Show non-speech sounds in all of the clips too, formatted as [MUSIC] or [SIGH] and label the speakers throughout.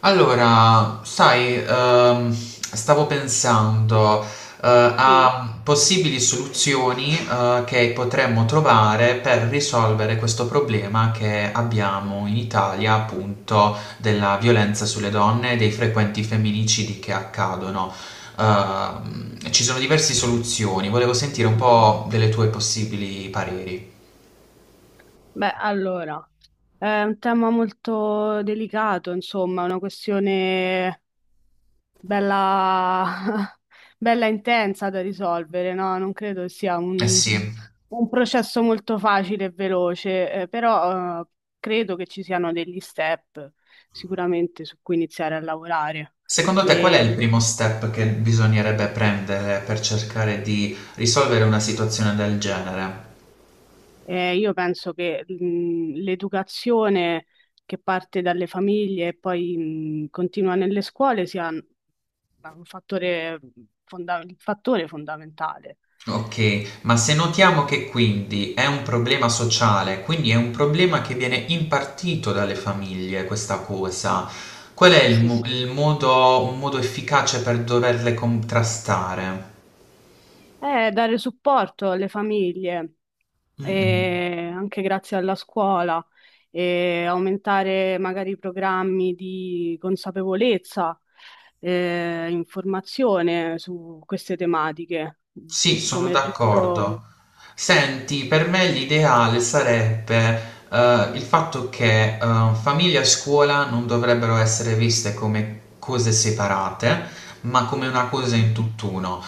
Speaker 1: Allora, sai, stavo pensando,
Speaker 2: Sì.
Speaker 1: a possibili soluzioni, che potremmo trovare per risolvere questo problema che abbiamo in Italia, appunto, della violenza sulle donne e dei frequenti femminicidi che accadono. Ci sono diverse soluzioni, volevo sentire
Speaker 2: Mm,
Speaker 1: un
Speaker 2: mm.
Speaker 1: po' delle tue possibili pareri.
Speaker 2: Beh, allora, è un tema molto delicato, insomma, una questione bella, [LAUGHS] bella intensa da risolvere, no? Non credo che sia
Speaker 1: Eh
Speaker 2: un,
Speaker 1: sì.
Speaker 2: un processo molto facile e veloce, però, credo che ci siano degli step sicuramente su cui iniziare a lavorare.
Speaker 1: Secondo te qual
Speaker 2: E
Speaker 1: è
Speaker 2: ad
Speaker 1: il primo step che bisognerebbe prendere per cercare di risolvere una situazione del genere?
Speaker 2: Io penso che l'educazione che parte dalle famiglie e poi continua nelle scuole sia un un fattore fondamentale.
Speaker 1: Ok, ma se notiamo che quindi è un problema sociale, quindi è un problema che viene impartito dalle famiglie questa cosa, qual è il,
Speaker 2: Sì.
Speaker 1: il modo, un modo efficace per doverle contrastare?
Speaker 2: Dare supporto alle famiglie,
Speaker 1: Mm-mm.
Speaker 2: anche grazie alla scuola, e aumentare magari i programmi di consapevolezza, informazione su queste tematiche,
Speaker 1: Sì, sono
Speaker 2: come è
Speaker 1: d'accordo.
Speaker 2: giusto.
Speaker 1: Senti, per me l'ideale sarebbe il fatto che famiglia e scuola non dovrebbero essere viste come cose separate, ma come una cosa in tutt'uno.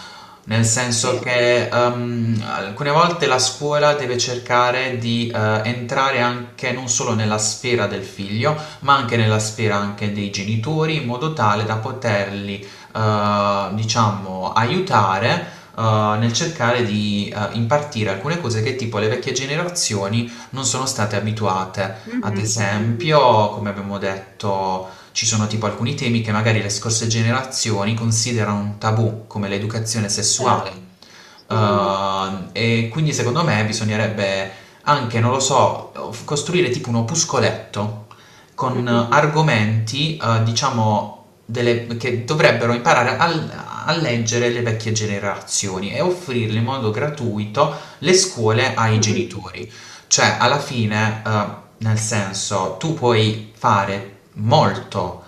Speaker 1: Nel senso
Speaker 2: Sì.
Speaker 1: sì, che alcune volte la scuola deve cercare di entrare anche non solo nella sfera del figlio, ma anche nella sfera anche dei genitori, in modo tale da poterli, diciamo, aiutare nel cercare di impartire alcune cose che tipo le vecchie generazioni non sono state abituate. Ad
Speaker 2: Mhm.
Speaker 1: esempio, come abbiamo detto, ci sono tipo alcuni temi che magari le scorse generazioni considerano un tabù, come l'educazione
Speaker 2: Certo,
Speaker 1: sessuale. Mm.
Speaker 2: sì.
Speaker 1: E quindi secondo me bisognerebbe anche, non lo so, costruire tipo un opuscoletto con
Speaker 2: Mm-mm.
Speaker 1: argomenti, diciamo, che dovrebbero imparare a leggere le vecchie generazioni e offrirle in modo gratuito le scuole ai
Speaker 2: Mm-mm.
Speaker 1: genitori. Cioè, alla fine, nel senso, tu puoi fare molto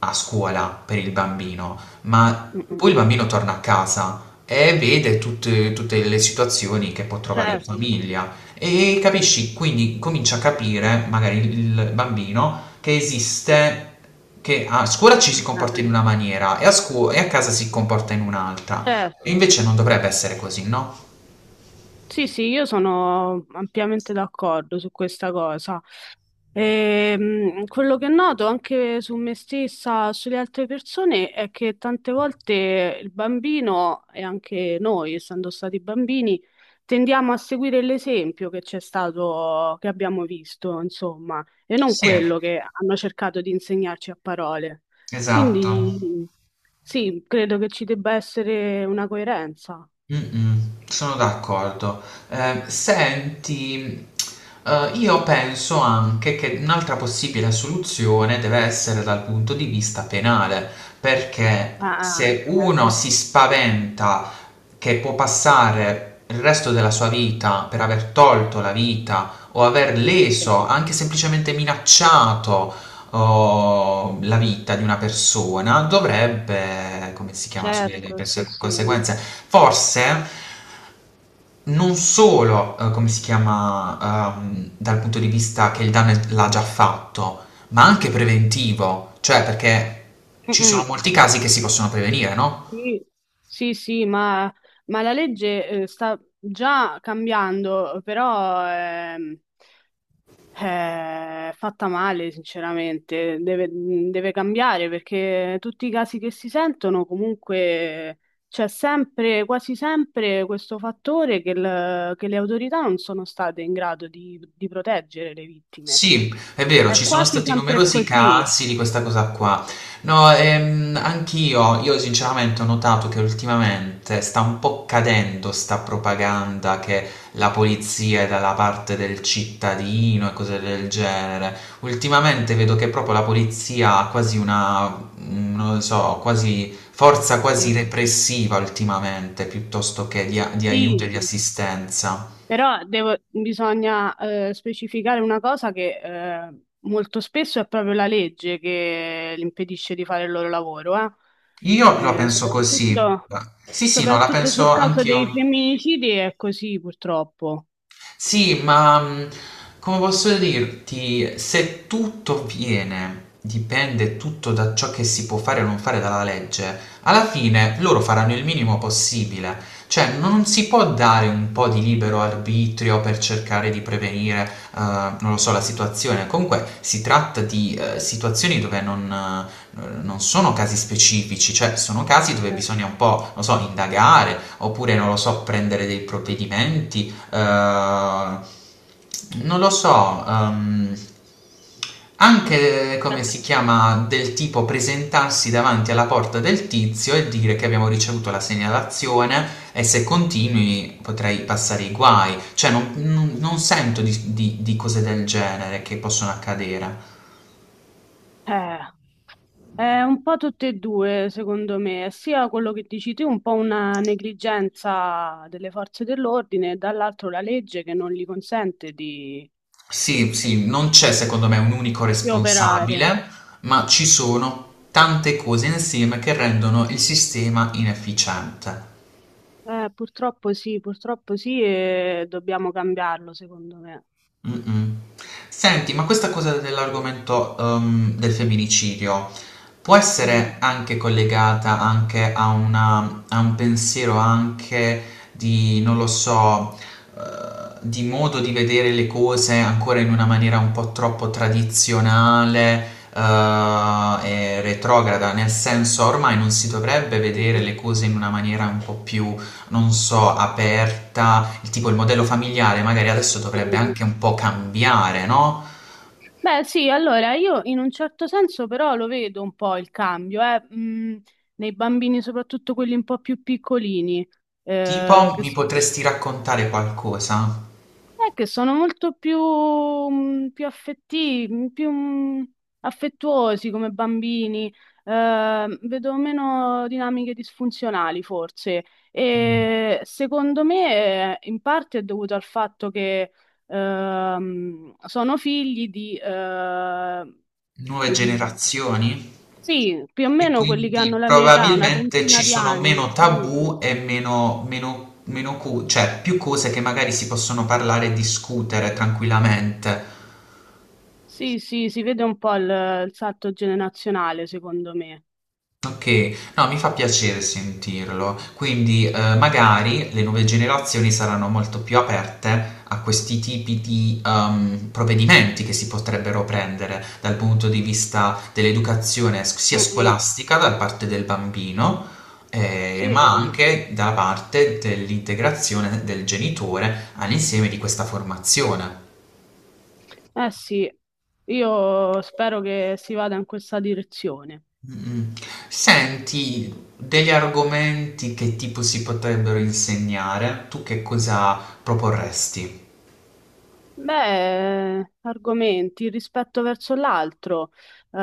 Speaker 1: a scuola per il bambino, ma
Speaker 2: Mm-mm.
Speaker 1: poi il bambino torna a casa e vede tutte le situazioni che può trovare in
Speaker 2: Certo.
Speaker 1: famiglia. E capisci, quindi comincia a capire, magari il bambino, che esiste, che a scuola ci si
Speaker 2: Ah, no.
Speaker 1: comporta in una maniera e a, e a casa si comporta in un'altra. E
Speaker 2: Certo.
Speaker 1: invece non dovrebbe essere così, no?
Speaker 2: Sì, sì, io sono ampiamente d'accordo su questa cosa. Quello che noto anche su me stessa, sulle altre persone, è che tante volte il bambino e anche noi, essendo stati bambini, tendiamo a seguire l'esempio che c'è stato, che abbiamo visto, insomma, e non
Speaker 1: Sì.
Speaker 2: quello che hanno cercato di insegnarci a parole.
Speaker 1: Esatto.
Speaker 2: Quindi sì, credo che ci debba essere una coerenza.
Speaker 1: Mh-mh, sono d'accordo. Senti, io penso anche che un'altra possibile soluzione deve essere dal punto di vista penale, perché
Speaker 2: Ah,
Speaker 1: se
Speaker 2: ah,
Speaker 1: uno si spaventa che può passare il resto della sua vita per aver tolto la vita o aver
Speaker 2: sì.
Speaker 1: leso, anche semplicemente minacciato o la vita di una persona dovrebbe, come si chiama, subire
Speaker 2: Certo, sì, sì.
Speaker 1: conseguenze. Forse non solo, come si chiama, dal punto di vista che l'ha già fatto, ma anche preventivo, cioè perché ci
Speaker 2: Mm-mm.
Speaker 1: sono molti casi che si possono prevenire, no?
Speaker 2: Sì, sì, sì, ma la legge sta già cambiando, però è fatta male, sinceramente. Deve cambiare perché tutti i casi che si sentono, comunque c'è sempre, quasi sempre, questo fattore che le autorità non sono state in grado di proteggere le vittime.
Speaker 1: Sì, è vero,
Speaker 2: È
Speaker 1: ci sono
Speaker 2: quasi
Speaker 1: stati
Speaker 2: sempre
Speaker 1: numerosi
Speaker 2: così.
Speaker 1: casi di questa cosa qua. No, anch'io, io sinceramente ho notato che ultimamente sta un po' cadendo sta propaganda che la polizia è dalla parte del cittadino e cose del genere. Ultimamente vedo che proprio la polizia ha quasi una, mm, non lo so, quasi forza quasi
Speaker 2: Sì,
Speaker 1: repressiva ultimamente, piuttosto che di, di aiuto e
Speaker 2: sì,
Speaker 1: di
Speaker 2: sì.
Speaker 1: assistenza.
Speaker 2: Però bisogna specificare una cosa che molto spesso è proprio la legge che li impedisce di fare il loro lavoro.
Speaker 1: Io la
Speaker 2: Eh,
Speaker 1: penso così.
Speaker 2: soprattutto,
Speaker 1: Sì, sì, no, la
Speaker 2: soprattutto
Speaker 1: penso
Speaker 2: sul caso dei
Speaker 1: anch'io.
Speaker 2: femminicidi è così purtroppo.
Speaker 1: Sì, ma come posso dirti, se tutto viene, dipende tutto da ciò che si può fare o non fare dalla legge, alla fine loro faranno il minimo possibile. Cioè, non si può dare un po' di libero arbitrio per cercare di prevenire, non lo so, la situazione. Comunque si tratta di situazioni dove non, non sono casi specifici, cioè sono casi dove
Speaker 2: Eh,
Speaker 1: bisogna un po', non so, indagare, oppure, non lo so, prendere dei provvedimenti eh, non lo so, anche come si chiama del tipo presentarsi davanti alla porta del tizio e dire che abbiamo ricevuto la segnalazione e se continui potrei passare i guai, cioè non, non sento di, di cose del genere che possono accadere.
Speaker 2: eh, è un po' tutte e due, secondo me, sia quello che dici tu, un po' una negligenza delle forze dell'ordine, e dall'altro la legge che non gli consente di
Speaker 1: Sì, sì, non c'è secondo me un unico
Speaker 2: di operare.
Speaker 1: responsabile, ma ci sono tante cose insieme che rendono il sistema inefficiente.
Speaker 2: Purtroppo sì, purtroppo sì, e dobbiamo cambiarlo, secondo me.
Speaker 1: Mm-mm. Senti, ma questa cosa dell'argomento del femminicidio può
Speaker 2: Mm.
Speaker 1: essere anche collegata anche a, a un pensiero anche di, non lo so, di modo di vedere le cose ancora in una maniera un po' troppo tradizionale, e retrograda, nel senso ormai non si dovrebbe
Speaker 2: Mm,
Speaker 1: vedere le cose in una maniera un po' più non so, aperta, il tipo il modello familiare magari adesso dovrebbe
Speaker 2: mm.
Speaker 1: anche un po' cambiare, no?
Speaker 2: Beh, sì, allora io in un certo senso però lo vedo un po' il cambio, nei bambini, soprattutto quelli un po' più piccolini, eh,
Speaker 1: Tipo,
Speaker 2: che
Speaker 1: mi
Speaker 2: s-
Speaker 1: potresti raccontare qualcosa?
Speaker 2: È che sono molto più, mh, più affetti- più, mh, affettuosi come bambini, vedo meno dinamiche disfunzionali forse. E secondo me in parte è dovuto al fatto che sono figli di,
Speaker 1: Nuove
Speaker 2: mh,
Speaker 1: generazioni?
Speaker 2: sì, più o
Speaker 1: E
Speaker 2: meno quelli che hanno
Speaker 1: quindi
Speaker 2: la mia età, una
Speaker 1: probabilmente ci
Speaker 2: trentina di
Speaker 1: sono
Speaker 2: anni.
Speaker 1: meno
Speaker 2: Sì,
Speaker 1: tabù e meno, meno, meno cioè più cose che magari si possono parlare e discutere tranquillamente.
Speaker 2: sì, sì, si vede un po' il salto generazionale, secondo me.
Speaker 1: Okay. No, mi fa piacere sentirlo. Quindi, magari le nuove generazioni saranno molto più aperte a questi tipi di, provvedimenti che si potrebbero prendere dal punto di vista dell'educazione s sia
Speaker 2: Mm-mm.
Speaker 1: scolastica da parte del bambino,
Speaker 2: Sì,
Speaker 1: ma
Speaker 2: sì.
Speaker 1: anche da parte dell'integrazione del genitore all'insieme di questa formazione.
Speaker 2: Eh sì, io spero che si vada in questa direzione.
Speaker 1: Mm. Senti, degli argomenti che tipo si potrebbero insegnare, tu che cosa proporresti?
Speaker 2: Beh, argomenti, il rispetto verso l'altro, eh,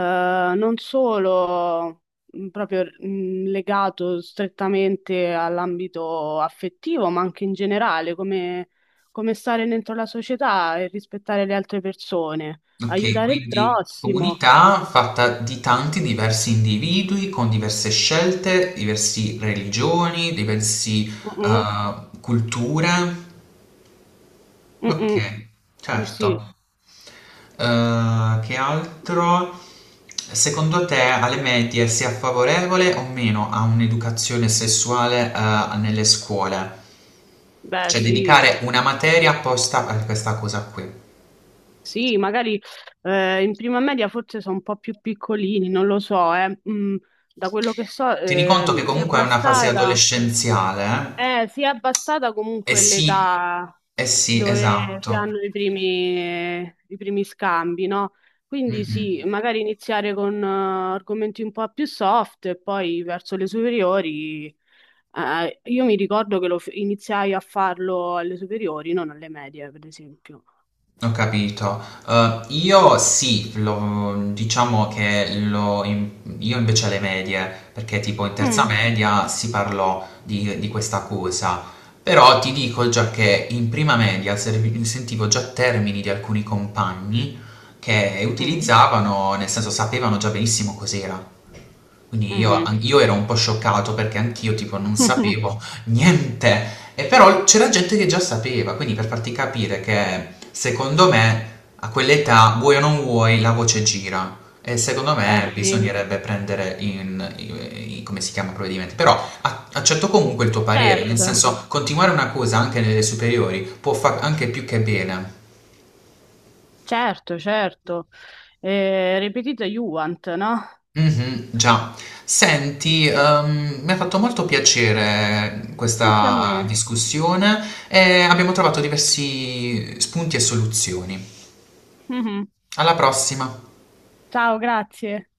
Speaker 2: non solo proprio legato strettamente all'ambito affettivo, ma anche in generale, come, come stare dentro la società e rispettare le altre persone,
Speaker 1: Ok,
Speaker 2: aiutare il
Speaker 1: quindi
Speaker 2: prossimo.
Speaker 1: comunità fatta di tanti diversi individui con diverse scelte, diverse religioni, diverse
Speaker 2: Mm-mm,
Speaker 1: culture. Ok,
Speaker 2: mm-mm. Sì, sì.
Speaker 1: certo. Che altro? Secondo te alle medie sia favorevole o meno a un'educazione sessuale, nelle scuole?
Speaker 2: Beh,
Speaker 1: Cioè
Speaker 2: sì.
Speaker 1: dedicare una materia apposta a questa cosa qui.
Speaker 2: Sì, magari in prima media forse sono un po' più piccolini, non lo so. Mm, da quello che so
Speaker 1: Tieni conto che
Speaker 2: si è
Speaker 1: comunque è una fase
Speaker 2: abbassata,
Speaker 1: adolescenziale, eh?
Speaker 2: eh, si è abbassata
Speaker 1: Eh
Speaker 2: comunque
Speaker 1: sì,
Speaker 2: l'età
Speaker 1: eh sì,
Speaker 2: dove si
Speaker 1: esatto.
Speaker 2: hanno i primi scambi, no? Quindi sì,
Speaker 1: Mm-mm.
Speaker 2: magari iniziare con argomenti un po' più soft e poi verso le superiori. Io mi ricordo che iniziai a farlo alle superiori, non alle medie, per esempio.
Speaker 1: Ho capito. Io sì, diciamo che lo, io invece alle medie, perché tipo in terza
Speaker 2: Mm,
Speaker 1: media si parlò di questa cosa, però ti dico già che in prima media sentivo già termini di alcuni compagni che
Speaker 2: mm,
Speaker 1: utilizzavano, nel senso sapevano già benissimo cos'era. Quindi io,
Speaker 2: mhm.
Speaker 1: io ero un po' scioccato perché anch'io tipo non
Speaker 2: [LAUGHS]
Speaker 1: sapevo niente. E però c'era gente che già sapeva, quindi per farti capire che secondo me a quell'età, vuoi o non vuoi, la voce gira. E secondo
Speaker 2: Eh
Speaker 1: me
Speaker 2: sì,
Speaker 1: bisognerebbe prendere in, come si chiama, provvedimenti. Però accetto comunque il tuo parere, nel
Speaker 2: certo,
Speaker 1: senso continuare una cosa anche nelle superiori può fare anche più che bene.
Speaker 2: certo, certo. Ripetita Juant, no?
Speaker 1: Mh-mh, già. Senti, mi ha fatto molto piacere
Speaker 2: Anche a
Speaker 1: questa
Speaker 2: me.
Speaker 1: discussione e abbiamo trovato diversi spunti e soluzioni.
Speaker 2: Mhm.
Speaker 1: Alla prossima!
Speaker 2: Ciao, grazie.